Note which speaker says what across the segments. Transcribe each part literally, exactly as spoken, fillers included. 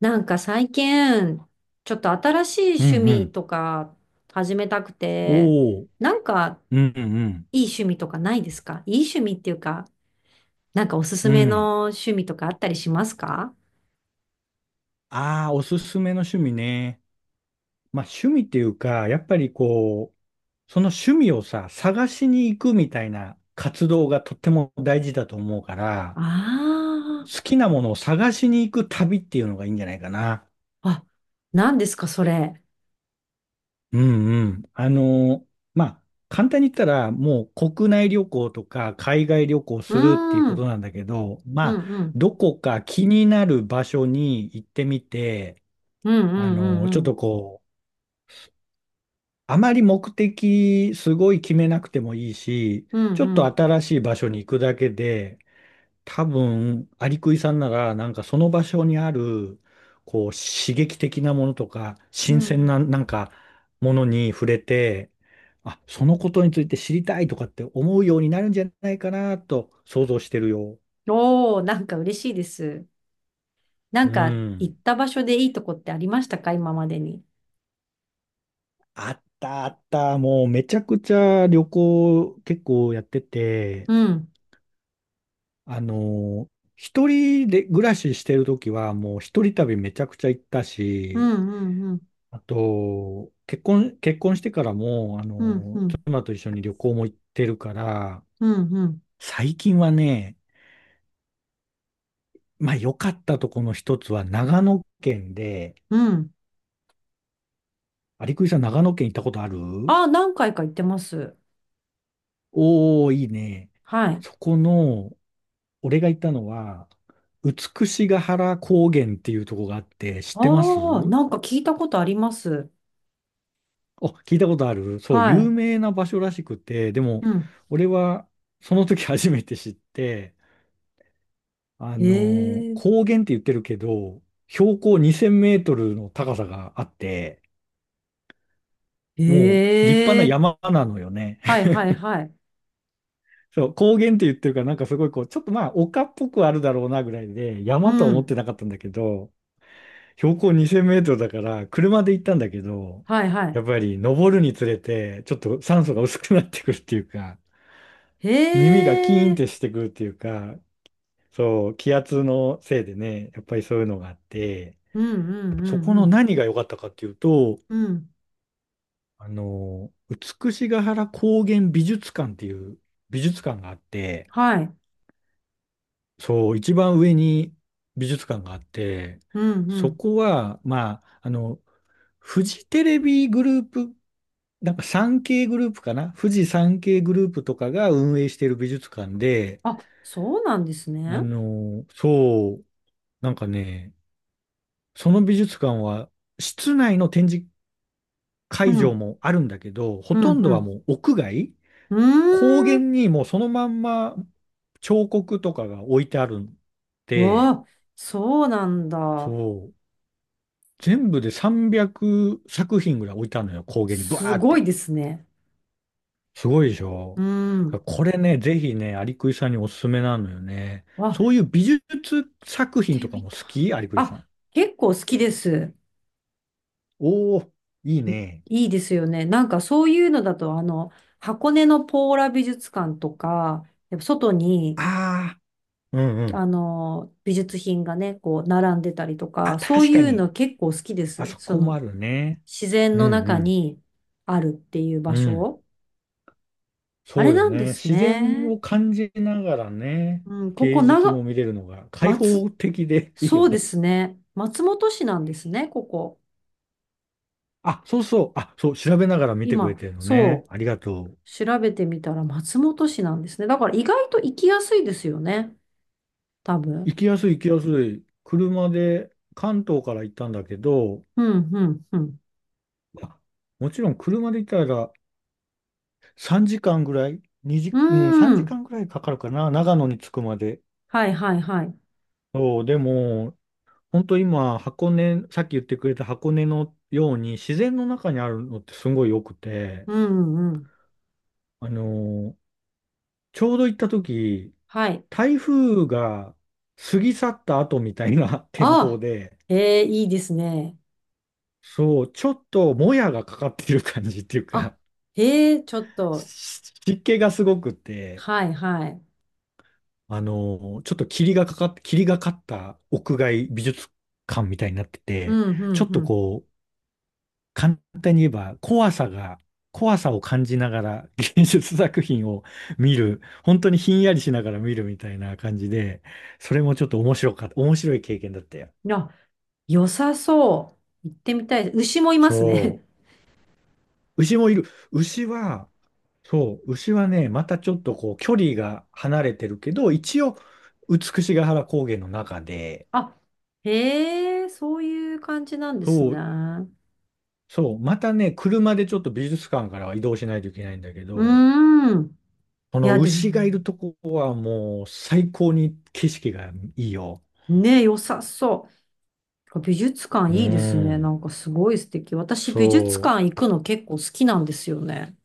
Speaker 1: なんか最近、ちょっと新し
Speaker 2: うんう
Speaker 1: い趣味
Speaker 2: ん。
Speaker 1: とか始めたくて、
Speaker 2: おお。
Speaker 1: なんか
Speaker 2: うんうん
Speaker 1: いい趣味とかないですか？いい趣味っていうか、なんかおすす
Speaker 2: うん。う
Speaker 1: め
Speaker 2: ん。
Speaker 1: の趣味とかあったりしますか？
Speaker 2: ああ、おすすめの趣味ね。まあ趣味っていうか、やっぱりこう、その趣味をさ、探しに行くみたいな活動がとっても大事だと思うから、
Speaker 1: ああ
Speaker 2: 好きなものを探しに行く旅っていうのがいいんじゃないかな。
Speaker 1: ー、あ、何ですかそれ。
Speaker 2: うんうん。あの、まあ、簡単に言ったら、もう国内旅行とか海外旅行
Speaker 1: う
Speaker 2: するっていう
Speaker 1: ー
Speaker 2: こと
Speaker 1: ん、
Speaker 2: なんだけど、
Speaker 1: う
Speaker 2: まあ、
Speaker 1: んうん、
Speaker 2: どこか気になる場所に行ってみて、
Speaker 1: うんう
Speaker 2: あ
Speaker 1: んう
Speaker 2: の、ち
Speaker 1: ん
Speaker 2: ょ
Speaker 1: う
Speaker 2: っ
Speaker 1: ん、
Speaker 2: とこう、あまり目的すごい決めなくてもいいし、
Speaker 1: う
Speaker 2: ちょっと
Speaker 1: ん
Speaker 2: 新しい場所に行くだけで、多分、アリクイさんなら、なんかその場所にある、こう、刺激的なものとか、
Speaker 1: う
Speaker 2: 新
Speaker 1: ん、う
Speaker 2: 鮮
Speaker 1: ん。
Speaker 2: な、なんか、ものに触れて、あ、そのことについて知りたいとかって思うようになるんじゃないかなと想像してるよ。
Speaker 1: おー、なんか嬉しいです。な
Speaker 2: う
Speaker 1: んか行っ
Speaker 2: ん。
Speaker 1: た場所でいいとこってありましたか、今までに？
Speaker 2: あったあった。もうめちゃくちゃ旅行結構やってて、
Speaker 1: うん、
Speaker 2: あの、一人で暮らししてるときは、もう一人旅めちゃくちゃ行った
Speaker 1: う
Speaker 2: し、
Speaker 1: んうんうん、
Speaker 2: あと、結婚、結婚してからも、あ
Speaker 1: うんう
Speaker 2: の、
Speaker 1: ん、
Speaker 2: 妻と一緒に旅行も行ってるから、
Speaker 1: うんうん。
Speaker 2: 最近はね、まあ良かったとこの一つは長野県で、
Speaker 1: うん。
Speaker 2: 有リクさん長野県行ったことある？
Speaker 1: ああ、何回か行ってます。
Speaker 2: おー、いいね。
Speaker 1: はい。
Speaker 2: そこの、俺が行ったのは、美ヶ原高原っていうとこがあって、知ってます？
Speaker 1: ああ、なんか聞いたことあります。
Speaker 2: お、聞いたことあるそう、
Speaker 1: は
Speaker 2: 有
Speaker 1: い。
Speaker 2: 名な場所らしくて、で
Speaker 1: う
Speaker 2: も、
Speaker 1: ん。
Speaker 2: 俺はその時 初めて知って、あ
Speaker 1: え
Speaker 2: のー
Speaker 1: え、
Speaker 2: 高原って言ってるけど、標高にせんメートルの高さがあって、もう立派
Speaker 1: え
Speaker 2: な
Speaker 1: え、
Speaker 2: 山なのよね。
Speaker 1: はい はいはい。
Speaker 2: そう、高原って言ってるから、なんかすごいこう、ちょっとまあ、丘っぽくあるだろうなぐらいで、山とは
Speaker 1: う
Speaker 2: 思っ
Speaker 1: ん。
Speaker 2: てなかったんだけど、標高にせんメートルだから、車で行ったんだけど、
Speaker 1: はいは
Speaker 2: や
Speaker 1: い。
Speaker 2: っぱり登るにつれて、ちょっと酸素が薄くなってくるっていうか、耳がキー
Speaker 1: へ
Speaker 2: ンっ
Speaker 1: え、
Speaker 2: てしてくるっていうか、そう、気圧のせいでね、やっぱりそういうのがあって、
Speaker 1: うんうんう
Speaker 2: そ
Speaker 1: ん
Speaker 2: こ
Speaker 1: う
Speaker 2: の
Speaker 1: ん。
Speaker 2: 何が良かったかっていうと、
Speaker 1: うん。
Speaker 2: あの、美しが原高原美術館っていう美術館があって、
Speaker 1: はい。
Speaker 2: そう、一番上に美術館があって、
Speaker 1: うんう
Speaker 2: そ
Speaker 1: ん。
Speaker 2: こは、まあ、あの、フジテレビグループ、なんか さんけー グループかな富士 さんけー グループとかが運営している美術館で、
Speaker 1: あ、そうなんです
Speaker 2: あ
Speaker 1: ね。
Speaker 2: の、そう、なんかね、その美術館は、室内の展示会
Speaker 1: う
Speaker 2: 場
Speaker 1: ん。
Speaker 2: もあるんだけど、ほ
Speaker 1: う
Speaker 2: と
Speaker 1: ん
Speaker 2: んど
Speaker 1: う
Speaker 2: は
Speaker 1: ん。
Speaker 2: もう屋外、
Speaker 1: う
Speaker 2: 高
Speaker 1: ー
Speaker 2: 原
Speaker 1: ん。
Speaker 2: にもうそのまんま彫刻とかが置いてあるん
Speaker 1: う
Speaker 2: で、
Speaker 1: わ、そうなん
Speaker 2: そ
Speaker 1: だ。
Speaker 2: う、全部でさんびゃくさく品ぐらい置いてあるのよ、高原に、ブワ
Speaker 1: す
Speaker 2: ーっ
Speaker 1: ごい
Speaker 2: て。
Speaker 1: ですね。
Speaker 2: すごいでしょ。
Speaker 1: うん。
Speaker 2: これね、ぜひね、アリクイさんにおすすめなのよね。
Speaker 1: あ、行
Speaker 2: そうい
Speaker 1: っ
Speaker 2: う美術作品
Speaker 1: て
Speaker 2: とか
Speaker 1: み
Speaker 2: も
Speaker 1: たい。
Speaker 2: 好き？アリクイさ
Speaker 1: あ、
Speaker 2: ん。
Speaker 1: 結構好きです。
Speaker 2: おー、いいね。
Speaker 1: いいですよね。なんかそういうのだと、あの、箱根のポーラ美術館とか、やっぱ外に、
Speaker 2: ああ、うんう
Speaker 1: あ
Speaker 2: ん。
Speaker 1: の、美術品がね、こう、並んでたりと
Speaker 2: あ、
Speaker 1: か、そう
Speaker 2: 確
Speaker 1: い
Speaker 2: か
Speaker 1: う
Speaker 2: に。
Speaker 1: の結構好きで
Speaker 2: あ
Speaker 1: す。
Speaker 2: そ
Speaker 1: そ
Speaker 2: こもあ
Speaker 1: の、
Speaker 2: るね。
Speaker 1: 自然
Speaker 2: う
Speaker 1: の中
Speaker 2: ん
Speaker 1: にあるっていう場
Speaker 2: うん。うん。
Speaker 1: 所。あ
Speaker 2: そ
Speaker 1: れ
Speaker 2: うよ
Speaker 1: なんで
Speaker 2: ね。
Speaker 1: す
Speaker 2: 自然
Speaker 1: ね。
Speaker 2: を感じながらね、
Speaker 1: うん、ここ、
Speaker 2: 芸術も
Speaker 1: 長、
Speaker 2: 見れるのが開放
Speaker 1: 松、
Speaker 2: 的でいい
Speaker 1: そ
Speaker 2: よ
Speaker 1: うで
Speaker 2: ね。
Speaker 1: すね。松本市なんですね、ここ。
Speaker 2: あ、そうそう。あ、そう、調べながら見てくれ
Speaker 1: 今、
Speaker 2: てるのね。
Speaker 1: そう。
Speaker 2: ありがとう。
Speaker 1: 調べてみたら松本市なんですね。だから意外と行きやすいですよね。多分。
Speaker 2: 行きやすい行きやすい。車で関東から行ったんだけど、
Speaker 1: うん、うん、うん。
Speaker 2: まあもちろん車で行ったらさんじかんぐらい、にじ、
Speaker 1: う
Speaker 2: うん、3
Speaker 1: ー
Speaker 2: 時
Speaker 1: ん。
Speaker 2: 間ぐらいかかるかな。長野に着くまで。
Speaker 1: はい、はい、はい。
Speaker 2: そう、でも、本当今、箱根、さっき言ってくれた箱根のように自然の中にあるのってすごい良くて、
Speaker 1: うん、うん。
Speaker 2: あのちょうど行った時、
Speaker 1: はい。
Speaker 2: 台風が過ぎ去った後みたいな 天
Speaker 1: あ
Speaker 2: 候
Speaker 1: あ。
Speaker 2: で、
Speaker 1: ええ、いいですね。
Speaker 2: そう、ちょっともやがかかってる感じっていう
Speaker 1: あ、
Speaker 2: か、
Speaker 1: ええ、ちょっと。
Speaker 2: し湿気がすごくて、
Speaker 1: はい、はい。
Speaker 2: あのちょっと霧がかかって、霧がかった屋外美術館みたいになって
Speaker 1: う
Speaker 2: て、
Speaker 1: ん、う
Speaker 2: ちょ
Speaker 1: ん、
Speaker 2: っ
Speaker 1: う
Speaker 2: と
Speaker 1: ん。
Speaker 2: こう、簡単に言えば怖さが、怖さを感じながら芸術 作品を見る、本当にひんやりしながら見るみたいな感じで、それもちょっと面白かった、面白い経験だったよ。
Speaker 1: いや、良さそう。行ってみたい。牛もいます
Speaker 2: そ
Speaker 1: ね。
Speaker 2: う。牛もいる。牛は、そう、牛はね、またちょっとこう距離が離れてるけど、一応、美しが原高原の中で、
Speaker 1: あ、へえ、そういう感じなんです
Speaker 2: そ
Speaker 1: ね。
Speaker 2: う、
Speaker 1: う
Speaker 2: そう、またね、車でちょっと美術館からは移動しないといけないんだけ
Speaker 1: ー
Speaker 2: ど、
Speaker 1: ん。
Speaker 2: こ
Speaker 1: い
Speaker 2: の
Speaker 1: や、で
Speaker 2: 牛がい
Speaker 1: も、
Speaker 2: るとこはもう最高に景色がいいよ。
Speaker 1: ね、良さそう。美術館
Speaker 2: う
Speaker 1: いいですね。な
Speaker 2: ん。
Speaker 1: んかすごい素敵。私美術
Speaker 2: そ
Speaker 1: 館行くの結構好きなんですよね。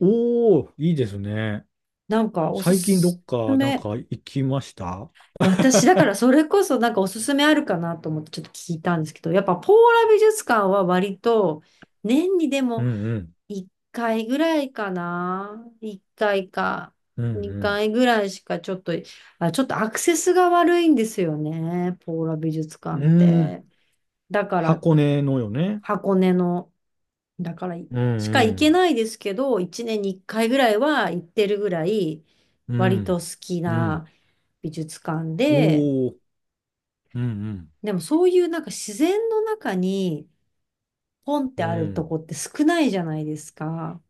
Speaker 2: う。おー、いいですね。
Speaker 1: なんかおす
Speaker 2: 最近ど
Speaker 1: す
Speaker 2: っかなん
Speaker 1: め。
Speaker 2: か行きました？
Speaker 1: 私だからそれこそなんかおすすめあるかなと思ってちょっと聞いたんですけど、やっぱポーラ美術館は割と年にで
Speaker 2: う
Speaker 1: も
Speaker 2: んうん。
Speaker 1: いっかいぐらいかな。いっかいか
Speaker 2: うん
Speaker 1: にかいぐらいしかちょっと、あ、ちょっとアクセスが悪いんですよね。ポーラ美術
Speaker 2: う
Speaker 1: 館っ
Speaker 2: ん。うーん。
Speaker 1: て。だから
Speaker 2: 箱根のよね？
Speaker 1: 箱根のだから、
Speaker 2: うん
Speaker 1: しか行
Speaker 2: う
Speaker 1: け
Speaker 2: ん。
Speaker 1: ないですけど、一年に一回ぐらいは行ってるぐらい、
Speaker 2: う
Speaker 1: 割と
Speaker 2: ん。
Speaker 1: 好き
Speaker 2: うん。
Speaker 1: な美術館で、
Speaker 2: おー。うん
Speaker 1: でもそういうなんか自然の中にポンっ
Speaker 2: う
Speaker 1: て
Speaker 2: ん。
Speaker 1: あ
Speaker 2: う
Speaker 1: ると
Speaker 2: ん。
Speaker 1: こって少ないじゃないですか。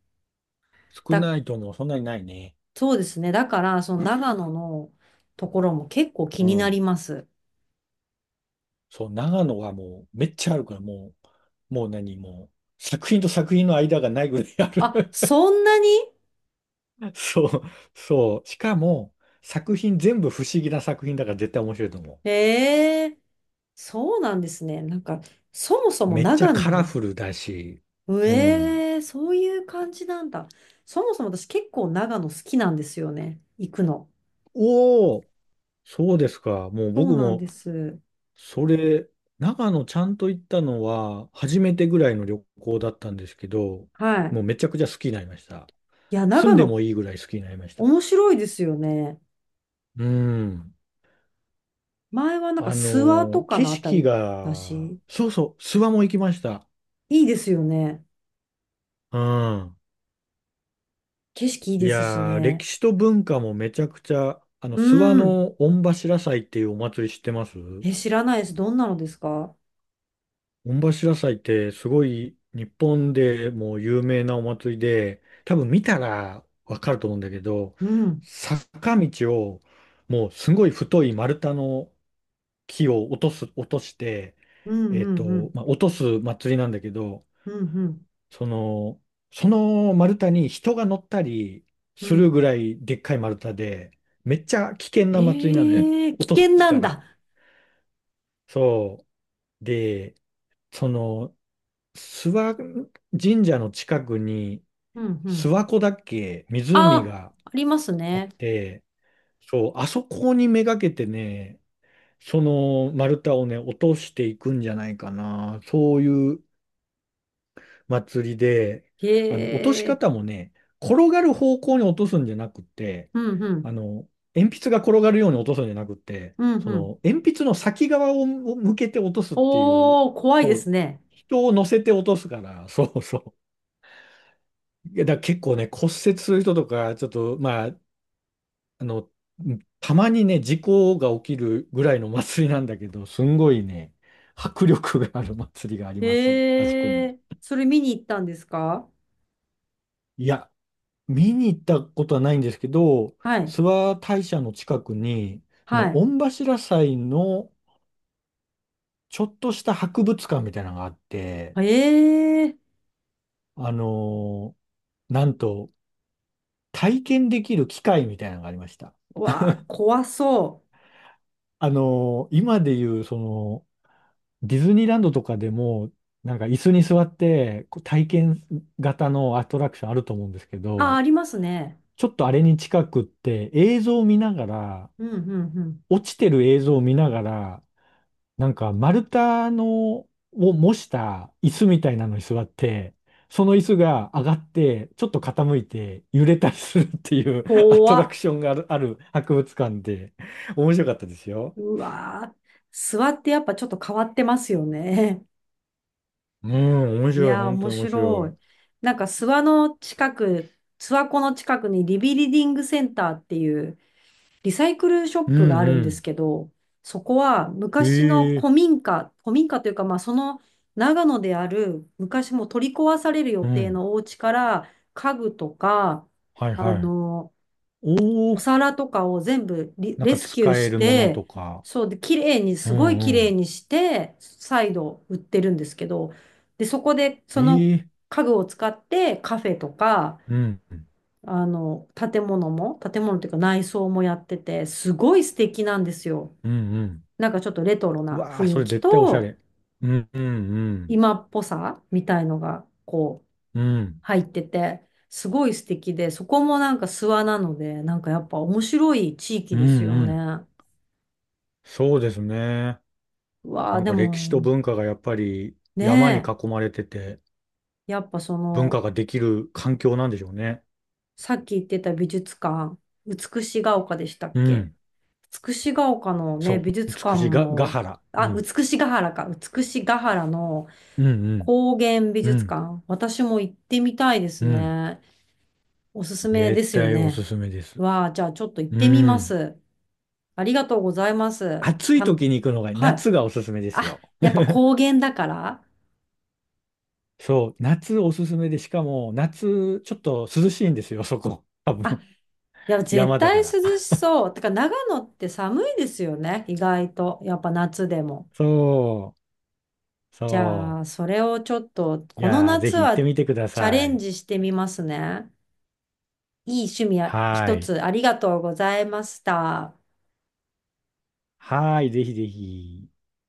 Speaker 2: 少
Speaker 1: だ、
Speaker 2: ないともそんなにないね。
Speaker 1: そうですね。だから、その長野のところも結構気
Speaker 2: う
Speaker 1: にな
Speaker 2: ん。
Speaker 1: ります。
Speaker 2: そう、長野はもうめっちゃあるから、もう、もう何、もう、作品と作品の間がないぐらいある。
Speaker 1: あ、そんなに？
Speaker 2: そう、そう。しかも、作品全部不思議な作品だから絶対面白いと思
Speaker 1: ええーそうなんですね。なんか、そもそ
Speaker 2: う。
Speaker 1: も
Speaker 2: めっちゃ
Speaker 1: 長
Speaker 2: カラ
Speaker 1: 野、
Speaker 2: フルだし、うん。
Speaker 1: ええそういう感じなんだ。そもそも私結構長野好きなんですよね。行くの。
Speaker 2: おお、そうですか。もう
Speaker 1: そう
Speaker 2: 僕
Speaker 1: なん
Speaker 2: も、
Speaker 1: です。
Speaker 2: それ、長野ちゃんと行ったのは、初めてぐらいの旅行だったんですけど、
Speaker 1: はい。
Speaker 2: もうめちゃくちゃ好きになりました。
Speaker 1: いや、
Speaker 2: 住
Speaker 1: 長
Speaker 2: んで
Speaker 1: 野
Speaker 2: もいいぐらい好きになりました。
Speaker 1: 面白いですよね。
Speaker 2: うん。
Speaker 1: 前はなんか
Speaker 2: あ
Speaker 1: 諏訪と
Speaker 2: の、
Speaker 1: か
Speaker 2: 景
Speaker 1: のあた
Speaker 2: 色
Speaker 1: りだ
Speaker 2: が、
Speaker 1: し、
Speaker 2: そうそう、諏訪も行きました。
Speaker 1: いいですよね。
Speaker 2: うん。
Speaker 1: 景色いい
Speaker 2: い
Speaker 1: ですし
Speaker 2: やー、
Speaker 1: ね。
Speaker 2: 歴史と文化もめちゃくちゃ、あの、諏訪
Speaker 1: うん。
Speaker 2: の御柱祭っていうお祭り知ってます？
Speaker 1: え、知らないです。どんなのですか？
Speaker 2: 御柱祭ってすごい日本でもう有名なお祭りで、多分見たらわかると思うんだけど、
Speaker 1: うん。
Speaker 2: 坂道をもうすごい太い丸太の木を落とす、落として、
Speaker 1: うん
Speaker 2: え
Speaker 1: う
Speaker 2: っ
Speaker 1: んう
Speaker 2: と、
Speaker 1: ん。
Speaker 2: まあ、落とす祭りなんだけど、
Speaker 1: うんうん
Speaker 2: その、その丸太に人が乗ったり
Speaker 1: う
Speaker 2: する
Speaker 1: ん。
Speaker 2: ぐらいでっかい丸太で、めっちゃ危険な祭りなのよ。
Speaker 1: ええ危
Speaker 2: 落と
Speaker 1: 険
Speaker 2: す
Speaker 1: なん
Speaker 2: から。
Speaker 1: だ。
Speaker 2: そう。で、その、諏訪神社の近くに、
Speaker 1: うんう
Speaker 2: 諏
Speaker 1: ん。
Speaker 2: 訪湖だっけ、
Speaker 1: あ
Speaker 2: 湖
Speaker 1: あ、
Speaker 2: が
Speaker 1: あります
Speaker 2: あっ
Speaker 1: ね。
Speaker 2: て、そう、あそこにめがけてね、その丸太をね、落としていくんじゃないかな。そういう祭りで、あの、落とし
Speaker 1: へえ。
Speaker 2: 方もね、転がる方向に落とすんじゃなくて、
Speaker 1: うんうん。
Speaker 2: あの、鉛筆が転がるように落とすんじゃなくて、
Speaker 1: うん
Speaker 2: そ
Speaker 1: うん。
Speaker 2: の、鉛筆の先側を向けて落とすっていう
Speaker 1: おー、怖いで
Speaker 2: 方、
Speaker 1: すね。
Speaker 2: 人を乗せて落とすから、そうそう。いや、だから結構ね、骨折する人とか、ちょっと、まあ、あの、たまにね、事故が起きるぐらいの祭りなんだけど、すんごいね、迫力がある祭りがあります、あそこ
Speaker 1: へ
Speaker 2: に。
Speaker 1: え、それ見に行ったんですか？
Speaker 2: いや、見に行ったことはないんですけど、
Speaker 1: はい、
Speaker 2: 諏訪大社の近くに、そ
Speaker 1: は
Speaker 2: の御柱祭のちょっとした博物館みたいなのがあって、
Speaker 1: い。ええ、
Speaker 2: あのーなんと体験できる機械みたいなのがありました。
Speaker 1: わあ、怖そ
Speaker 2: あのー今でいうそのディズニーランドとかでも、なんか椅子に座ってこう体験型のアトラクションあると思うんですけ
Speaker 1: う。あ、
Speaker 2: ど、
Speaker 1: ありますね。
Speaker 2: ちょっとあれに近くって映像を見ながら、
Speaker 1: うんうんうん。
Speaker 2: 落ちてる映像を見ながら、なんか丸太のを模した椅子みたいなのに座って、その椅子が上がって、ちょっと傾いて揺れたりするっていう アト
Speaker 1: 怖
Speaker 2: ラク
Speaker 1: っ。
Speaker 2: ションがある、ある博物館で、面白かったですよ。
Speaker 1: うわあ、諏訪ってやっぱちょっと変わってますよね。
Speaker 2: うん、面
Speaker 1: い
Speaker 2: 白い、
Speaker 1: やー、
Speaker 2: 本当
Speaker 1: 面
Speaker 2: に面
Speaker 1: 白
Speaker 2: 白
Speaker 1: い。
Speaker 2: い。
Speaker 1: なんか諏訪の近く、諏訪湖の近くにリビリディングセンターっていう、リサイクルショッ
Speaker 2: う
Speaker 1: プが
Speaker 2: ん
Speaker 1: あるん
Speaker 2: う
Speaker 1: です
Speaker 2: ん。
Speaker 1: けど、そこは昔の
Speaker 2: へえ、
Speaker 1: 古民家、古民家というか、まあ、その長野である昔もう取り壊される予
Speaker 2: う
Speaker 1: 定
Speaker 2: ん。
Speaker 1: のお家から家具とか、
Speaker 2: はい
Speaker 1: あ
Speaker 2: はい。
Speaker 1: の、
Speaker 2: お
Speaker 1: お
Speaker 2: お、
Speaker 1: 皿とかを全部リ
Speaker 2: なん
Speaker 1: レ
Speaker 2: か
Speaker 1: スキュー
Speaker 2: 使え
Speaker 1: し
Speaker 2: るもの
Speaker 1: て、
Speaker 2: とか。
Speaker 1: そうで、綺麗に、
Speaker 2: うん
Speaker 1: すごい綺
Speaker 2: う
Speaker 1: 麗
Speaker 2: ん。
Speaker 1: にして、再度売ってるんですけど、で、そこで
Speaker 2: え
Speaker 1: その
Speaker 2: え、
Speaker 1: 家具を使ってカフェとか、
Speaker 2: うん、う
Speaker 1: あの、建物も、建物っていうか内装もやってて、すごい素敵なんですよ。
Speaker 2: んうん。
Speaker 1: なんかちょっとレトロ
Speaker 2: う
Speaker 1: な
Speaker 2: わあ、
Speaker 1: 雰
Speaker 2: そ
Speaker 1: 囲
Speaker 2: れ
Speaker 1: 気
Speaker 2: 絶対おしゃ
Speaker 1: と、
Speaker 2: れ。うんうんうん。
Speaker 1: 今っぽさみたいのが、こう、
Speaker 2: うん。
Speaker 1: 入ってて、すごい素敵で、そこもなんか諏訪なので、なんかやっぱ面白い地域
Speaker 2: うん
Speaker 1: ですよ
Speaker 2: うん。
Speaker 1: ね。
Speaker 2: そうですね。
Speaker 1: うわ
Speaker 2: な
Speaker 1: あ、
Speaker 2: ん
Speaker 1: で
Speaker 2: か歴史と
Speaker 1: も、
Speaker 2: 文化がやっぱり山に
Speaker 1: ね
Speaker 2: 囲まれてて、
Speaker 1: え、やっぱそ
Speaker 2: 文
Speaker 1: の、
Speaker 2: 化ができる環境なんでしょうね。
Speaker 1: さっき言ってた美術館、美しが丘でしたっ
Speaker 2: う
Speaker 1: け？
Speaker 2: ん。
Speaker 1: 美しが丘の
Speaker 2: そ
Speaker 1: ね、
Speaker 2: う、
Speaker 1: 美術館
Speaker 2: 美しいが、ヶ
Speaker 1: も、
Speaker 2: 原。う
Speaker 1: あ、
Speaker 2: ん。
Speaker 1: 美しが原か。美しが原の
Speaker 2: うんうん。
Speaker 1: 高原美
Speaker 2: う
Speaker 1: 術
Speaker 2: ん。
Speaker 1: 館。私も行ってみたいです
Speaker 2: うん。
Speaker 1: ね。おすすめで
Speaker 2: 絶
Speaker 1: すよ
Speaker 2: 対おす
Speaker 1: ね。
Speaker 2: すめです。
Speaker 1: わあ、じゃあちょっと行っ
Speaker 2: う
Speaker 1: てみま
Speaker 2: ん。
Speaker 1: す。ありがとうございます。
Speaker 2: 暑い
Speaker 1: たん、
Speaker 2: 時に行くのが、
Speaker 1: は
Speaker 2: 夏
Speaker 1: い。
Speaker 2: がおすすめです
Speaker 1: あ、
Speaker 2: よ。
Speaker 1: やっぱ 高原だから。
Speaker 2: そう、夏おすすめで、しかも夏ちょっと涼しいんですよ、そこ。多
Speaker 1: あ、
Speaker 2: 分、
Speaker 1: いや、絶
Speaker 2: 山だ
Speaker 1: 対
Speaker 2: か
Speaker 1: 涼
Speaker 2: ら。
Speaker 1: し そう。てか、長野って寒いですよね。意外と。やっぱ夏でも。
Speaker 2: そう、
Speaker 1: じゃ
Speaker 2: そ
Speaker 1: あ、それをちょっと、
Speaker 2: う。い
Speaker 1: この
Speaker 2: やー、ぜ
Speaker 1: 夏
Speaker 2: ひ行って
Speaker 1: は
Speaker 2: みてくだ
Speaker 1: チャレ
Speaker 2: さ
Speaker 1: ン
Speaker 2: い。
Speaker 1: ジしてみますね。いい趣味や
Speaker 2: は
Speaker 1: 一
Speaker 2: ーい。
Speaker 1: つありがとうございました。
Speaker 2: はーい、ぜひぜひ。